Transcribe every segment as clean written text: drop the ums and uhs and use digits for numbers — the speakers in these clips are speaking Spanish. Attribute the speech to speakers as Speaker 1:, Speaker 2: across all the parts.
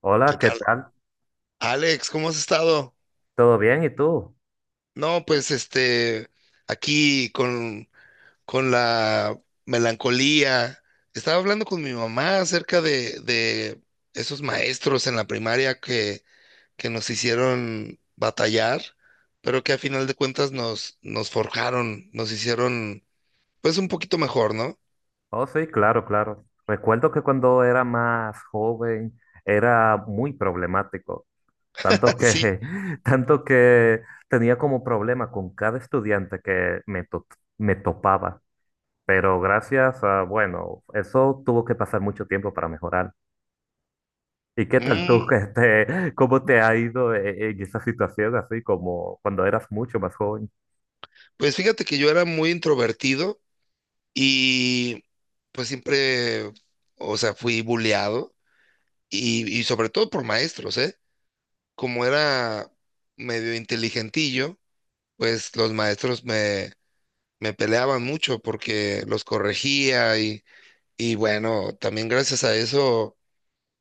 Speaker 1: Hola,
Speaker 2: ¿Qué
Speaker 1: ¿qué
Speaker 2: tal?
Speaker 1: tal?
Speaker 2: Alex, ¿cómo has estado?
Speaker 1: ¿Todo bien? ¿Y tú?
Speaker 2: No, pues aquí con la melancolía. Estaba hablando con mi mamá acerca de esos maestros en la primaria que nos hicieron batallar, pero que a final de cuentas nos forjaron, nos hicieron pues un poquito mejor, ¿no?
Speaker 1: Oh, sí, claro, claro. Recuerdo que cuando era más joven era muy problemático, tanto
Speaker 2: Sí.
Speaker 1: que, tanto que tenía como problema con cada estudiante que me topaba. Pero gracias a, bueno, eso tuvo que pasar mucho tiempo para mejorar. ¿Y qué tal tú?
Speaker 2: Mm,
Speaker 1: Cómo te ha ido en esa situación así como cuando eras mucho más joven?
Speaker 2: pues fíjate que yo era muy introvertido y pues siempre, o sea, fui bulleado. Y sobre todo por maestros, ¿eh? Como era medio inteligentillo, pues los maestros me peleaban mucho porque los corregía y bueno, también gracias a eso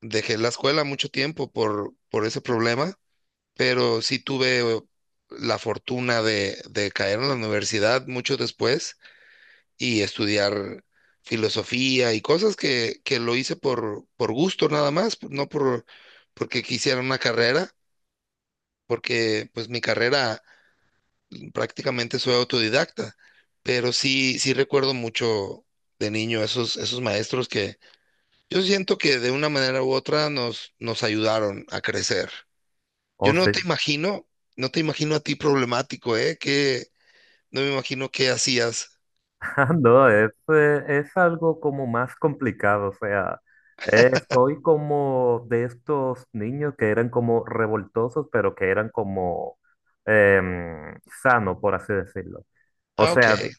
Speaker 2: dejé la escuela mucho tiempo por ese problema, pero sí tuve la fortuna de caer en la universidad mucho después y estudiar filosofía y cosas que lo hice por gusto nada más, no por, porque quisiera una carrera, porque pues mi carrera prácticamente soy autodidacta, pero sí recuerdo mucho de niño esos maestros que yo siento que de una manera u otra nos ayudaron a crecer. Yo
Speaker 1: Oh,
Speaker 2: no
Speaker 1: sí.
Speaker 2: te imagino, no te imagino a ti problemático, ¿eh? Que no me imagino qué hacías.
Speaker 1: Ah, no, es algo como más complicado, o sea, soy como de estos niños que eran como revoltosos, pero que eran como em, sano, por así decirlo. O
Speaker 2: Ah,
Speaker 1: sea,
Speaker 2: ok.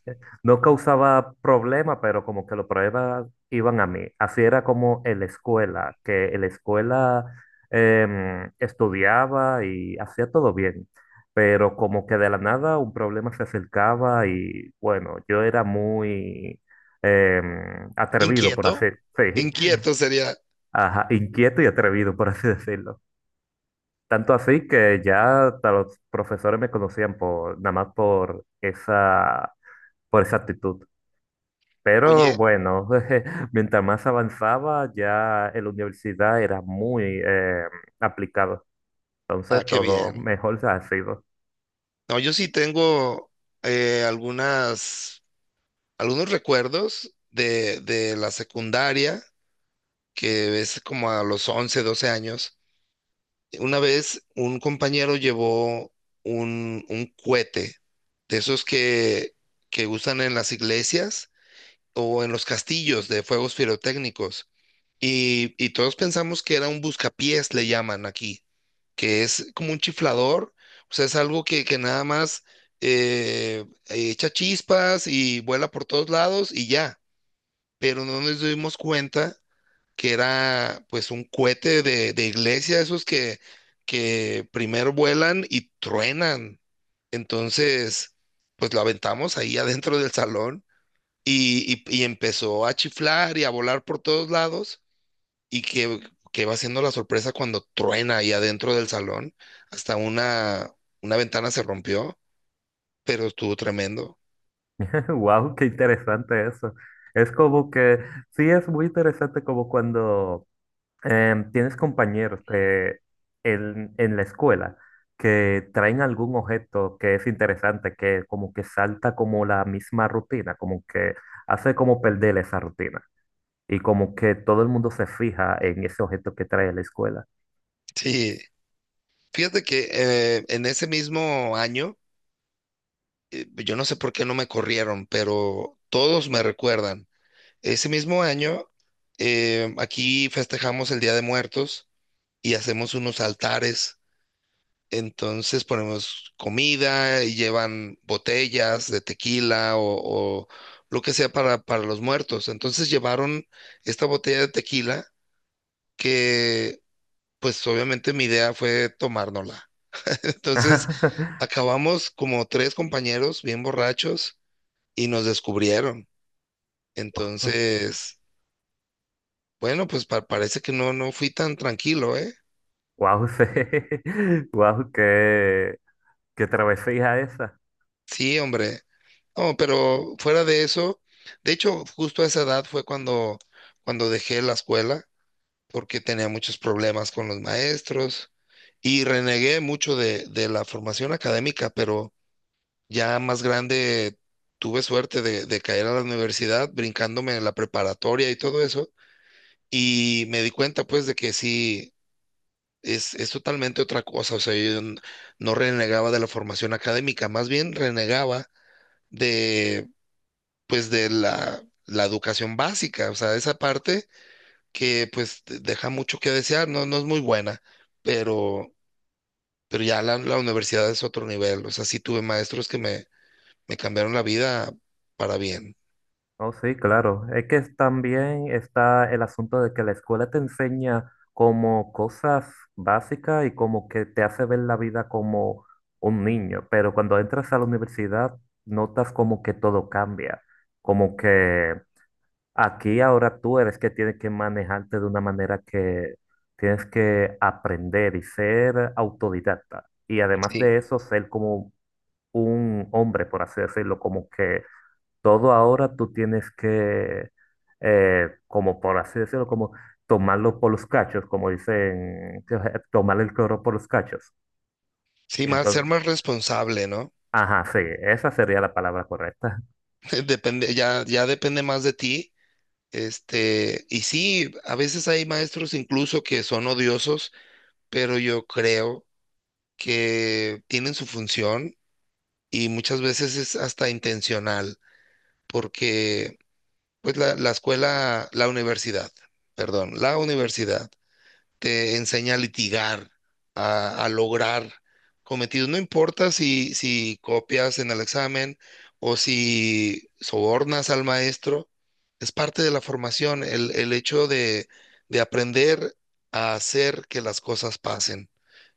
Speaker 1: no causaba problema, pero como que los problemas iban a mí. Así era como en la escuela, que en la escuela estudiaba y hacía todo bien, pero como que de la nada un problema se acercaba y bueno, yo era muy atrevido, por así,
Speaker 2: Inquieto.
Speaker 1: sí,
Speaker 2: Inquieto sería,
Speaker 1: ajá, inquieto y atrevido, por así decirlo. Tanto así que ya hasta los profesores me conocían por, nada más por esa actitud. Pero
Speaker 2: oye,
Speaker 1: bueno, mientras más avanzaba, ya en la universidad era muy aplicado.
Speaker 2: ah,
Speaker 1: Entonces
Speaker 2: qué
Speaker 1: todo
Speaker 2: bien.
Speaker 1: mejor se ha sido.
Speaker 2: No, yo sí tengo eh, algunas, algunos recuerdos de la secundaria que es como a los 11 12 años. Una vez un compañero llevó un cohete de esos que usan en las iglesias o en los castillos de fuegos pirotécnicos. Y todos pensamos que era un buscapiés, le llaman aquí, que es como un chiflador, o sea, es algo que nada más echa chispas y vuela por todos lados y ya. Pero no nos dimos cuenta que era pues un cohete de iglesia, esos que primero vuelan y truenan. Entonces, pues lo aventamos ahí adentro del salón y empezó a chiflar y a volar por todos lados y que va siendo la sorpresa cuando truena ahí adentro del salón. Hasta una ventana se rompió, pero estuvo tremendo.
Speaker 1: Wow, qué interesante eso. Es como que sí es muy interesante como cuando tienes compañeros que en la escuela que traen algún objeto que es interesante, que como que salta como la misma rutina, como que hace como perder esa rutina. Y como que todo el mundo se fija en ese objeto que trae a la escuela.
Speaker 2: Sí, fíjate que en ese mismo año pues, yo no sé por qué no me corrieron, pero todos me recuerdan. Ese mismo año, aquí festejamos el Día de Muertos y hacemos unos altares. Entonces ponemos comida y llevan botellas de tequila o lo que sea para los muertos. Entonces llevaron esta botella de tequila que, pues obviamente mi idea fue tomárnosla. Entonces acabamos como tres compañeros bien borrachos y nos descubrieron. Entonces, bueno, pues parece que no, no fui tan tranquilo, ¿eh?
Speaker 1: Wow, sí. Wow, qué, qué travesía esa.
Speaker 2: Sí, hombre. No, pero fuera de eso, de hecho, justo a esa edad fue cuando, cuando dejé la escuela, porque tenía muchos problemas con los maestros y renegué mucho de la formación académica, pero ya más grande tuve suerte de caer a la universidad, brincándome en la preparatoria y todo eso, y me di cuenta pues de que sí. Es totalmente otra cosa, o sea, no renegaba de la formación académica, más bien renegaba de, pues, de la educación básica, o sea, esa parte que, pues, deja mucho que desear, no, no es muy buena, pero, pero ya la universidad es otro nivel, o sea, sí tuve maestros que me cambiaron la vida para bien,
Speaker 1: Oh, sí, claro. Es que también está el asunto de que la escuela te enseña como cosas básicas y como que te hace ver la vida como un niño. Pero cuando entras a la universidad, notas como que todo cambia. Como que aquí ahora tú eres que tienes que manejarte de una manera que tienes que aprender y ser autodidacta. Y además
Speaker 2: sí,
Speaker 1: de eso, ser como un hombre, por así decirlo, como que todo ahora tú tienes que, como por así decirlo, como tomarlo por los cachos, como dicen, tomar el toro por los cachos.
Speaker 2: sí, más, ser
Speaker 1: Entonces,
Speaker 2: más responsable, ¿no?
Speaker 1: ajá, sí, esa sería la palabra correcta.
Speaker 2: Depende, ya depende más de ti. Este, y sí, a veces hay maestros incluso que son odiosos, pero yo creo que tienen su función y muchas veces es hasta intencional, porque pues la escuela, la universidad, perdón, la universidad te enseña a litigar, a lograr cometidos. No importa si copias en el examen o si sobornas al maestro, es parte de la formación, el hecho de aprender a hacer que las cosas pasen.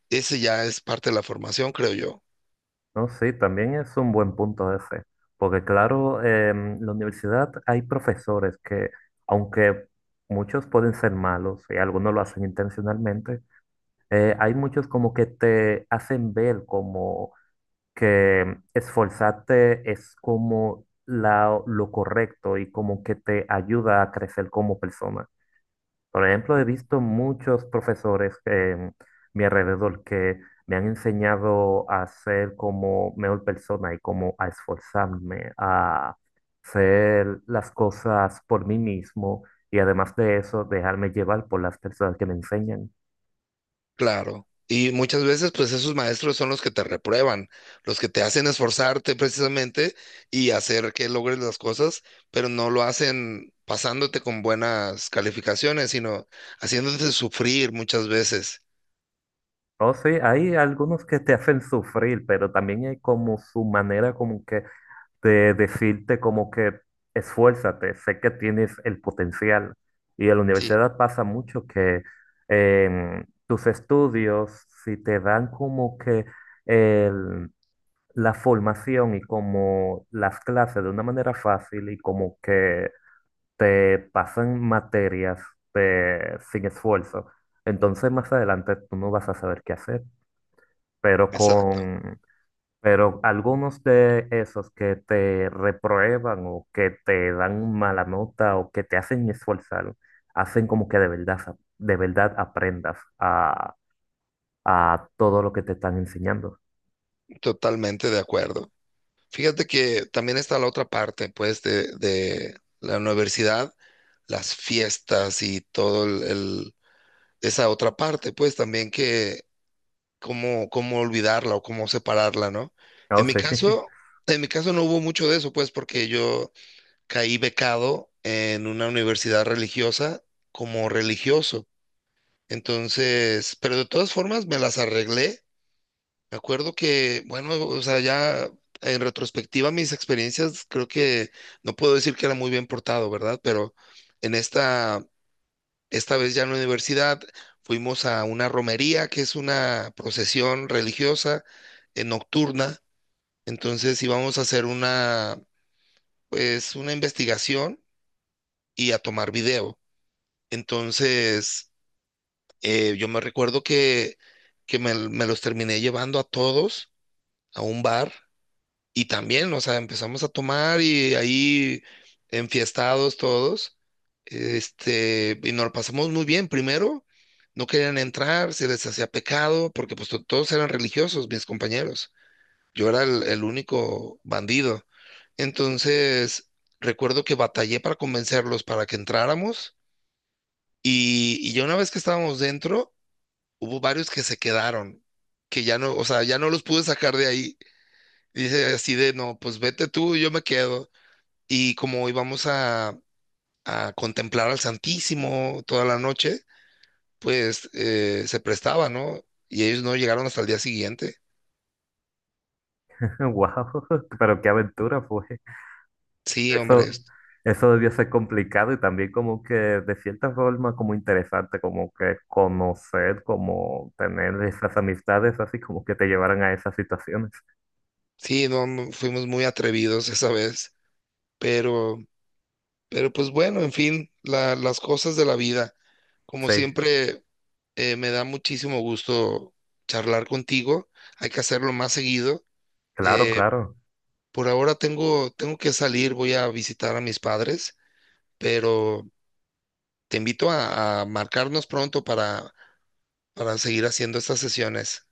Speaker 2: Ese ya es parte de la formación, creo yo.
Speaker 1: No, sí, también es un buen punto ese, porque claro, en la universidad hay profesores que, aunque muchos pueden ser malos y algunos lo hacen intencionalmente, hay muchos como que te hacen ver como que esforzarte es como lo correcto y como que te ayuda a crecer como persona. Por ejemplo, he visto muchos profesores en mi alrededor que me han enseñado a ser como mejor persona y como a esforzarme, a hacer las cosas por mí mismo y además de eso, dejarme llevar por las personas que me enseñan.
Speaker 2: Claro. Y muchas veces, pues esos maestros son los que te reprueban, los que te hacen esforzarte precisamente y hacer que logres las cosas, pero no lo hacen pasándote con buenas calificaciones, sino haciéndote sufrir muchas veces.
Speaker 1: Oh, sí, hay algunos que te hacen sufrir, pero también hay como su manera como que de decirte como que esfuérzate, sé que tienes el potencial. Y en la
Speaker 2: Sí,
Speaker 1: universidad pasa mucho que tus estudios, si te dan como que el- la formación y como las clases de una manera fácil y como que te pasan materias sin esfuerzo, entonces más adelante tú no vas a saber qué hacer. Pero
Speaker 2: exacto,
Speaker 1: con pero algunos de esos que te reprueban o que te dan mala nota o que te hacen esforzar, hacen como que de verdad, de verdad aprendas a todo lo que te están enseñando.
Speaker 2: totalmente de acuerdo. Fíjate que también está la otra parte, pues, de la universidad, las fiestas y todo esa otra parte, pues, también cómo, cómo olvidarla o cómo separarla, ¿no?
Speaker 1: Oh,
Speaker 2: En mi
Speaker 1: sí.
Speaker 2: caso, en mi caso no hubo mucho de eso, pues, porque yo caí becado en una universidad religiosa como religioso. Entonces, pero de todas formas me las arreglé. Me acuerdo que, bueno, o sea, ya en retrospectiva mis experiencias, creo que no puedo decir que era muy bien portado, ¿verdad? Pero en esta esta vez ya en la universidad fuimos a una romería, que es una procesión religiosa nocturna. Entonces íbamos a hacer una, pues, una investigación y a tomar video. Entonces, yo me recuerdo que me los terminé llevando a todos a un bar. Y también, o sea, empezamos a tomar y ahí enfiestados todos, y nos lo pasamos muy bien. Primero, no querían entrar, se les hacía pecado, porque pues todos eran religiosos, mis compañeros. Yo era el único bandido. Entonces, recuerdo que batallé para convencerlos para que entráramos y ya una vez que estábamos dentro, hubo varios que se quedaron, que ya no, o sea, ya no los pude sacar de ahí. Dice así de, no, pues vete tú, yo me quedo. Y como hoy vamos a contemplar al Santísimo toda la noche, pues se prestaba, ¿no? Y ellos no llegaron hasta el día siguiente.
Speaker 1: Wow, pero qué aventura fue.
Speaker 2: Sí, hombre,
Speaker 1: Eso, eso debió ser complicado y también como que de cierta forma como interesante, como que conocer, como tener esas amistades así como que te llevaran a esas situaciones.
Speaker 2: sí, no, mm, fuimos muy atrevidos esa vez, pero, pero pues bueno, en fin, las cosas de la vida. Como
Speaker 1: Sí,
Speaker 2: siempre, me da muchísimo gusto charlar contigo. Hay que hacerlo más seguido.
Speaker 1: claro,
Speaker 2: Eh,
Speaker 1: claro.
Speaker 2: por ahora tengo, tengo que salir, voy a visitar a mis padres, pero te invito a marcarnos pronto para seguir haciendo estas sesiones.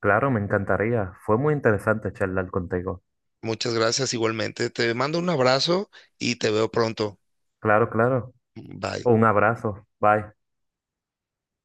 Speaker 1: Claro, me encantaría. Fue muy interesante charlar contigo.
Speaker 2: Muchas gracias igualmente. Te mando un abrazo y te veo pronto.
Speaker 1: Claro, claro.
Speaker 2: Bye.
Speaker 1: Un abrazo. Bye.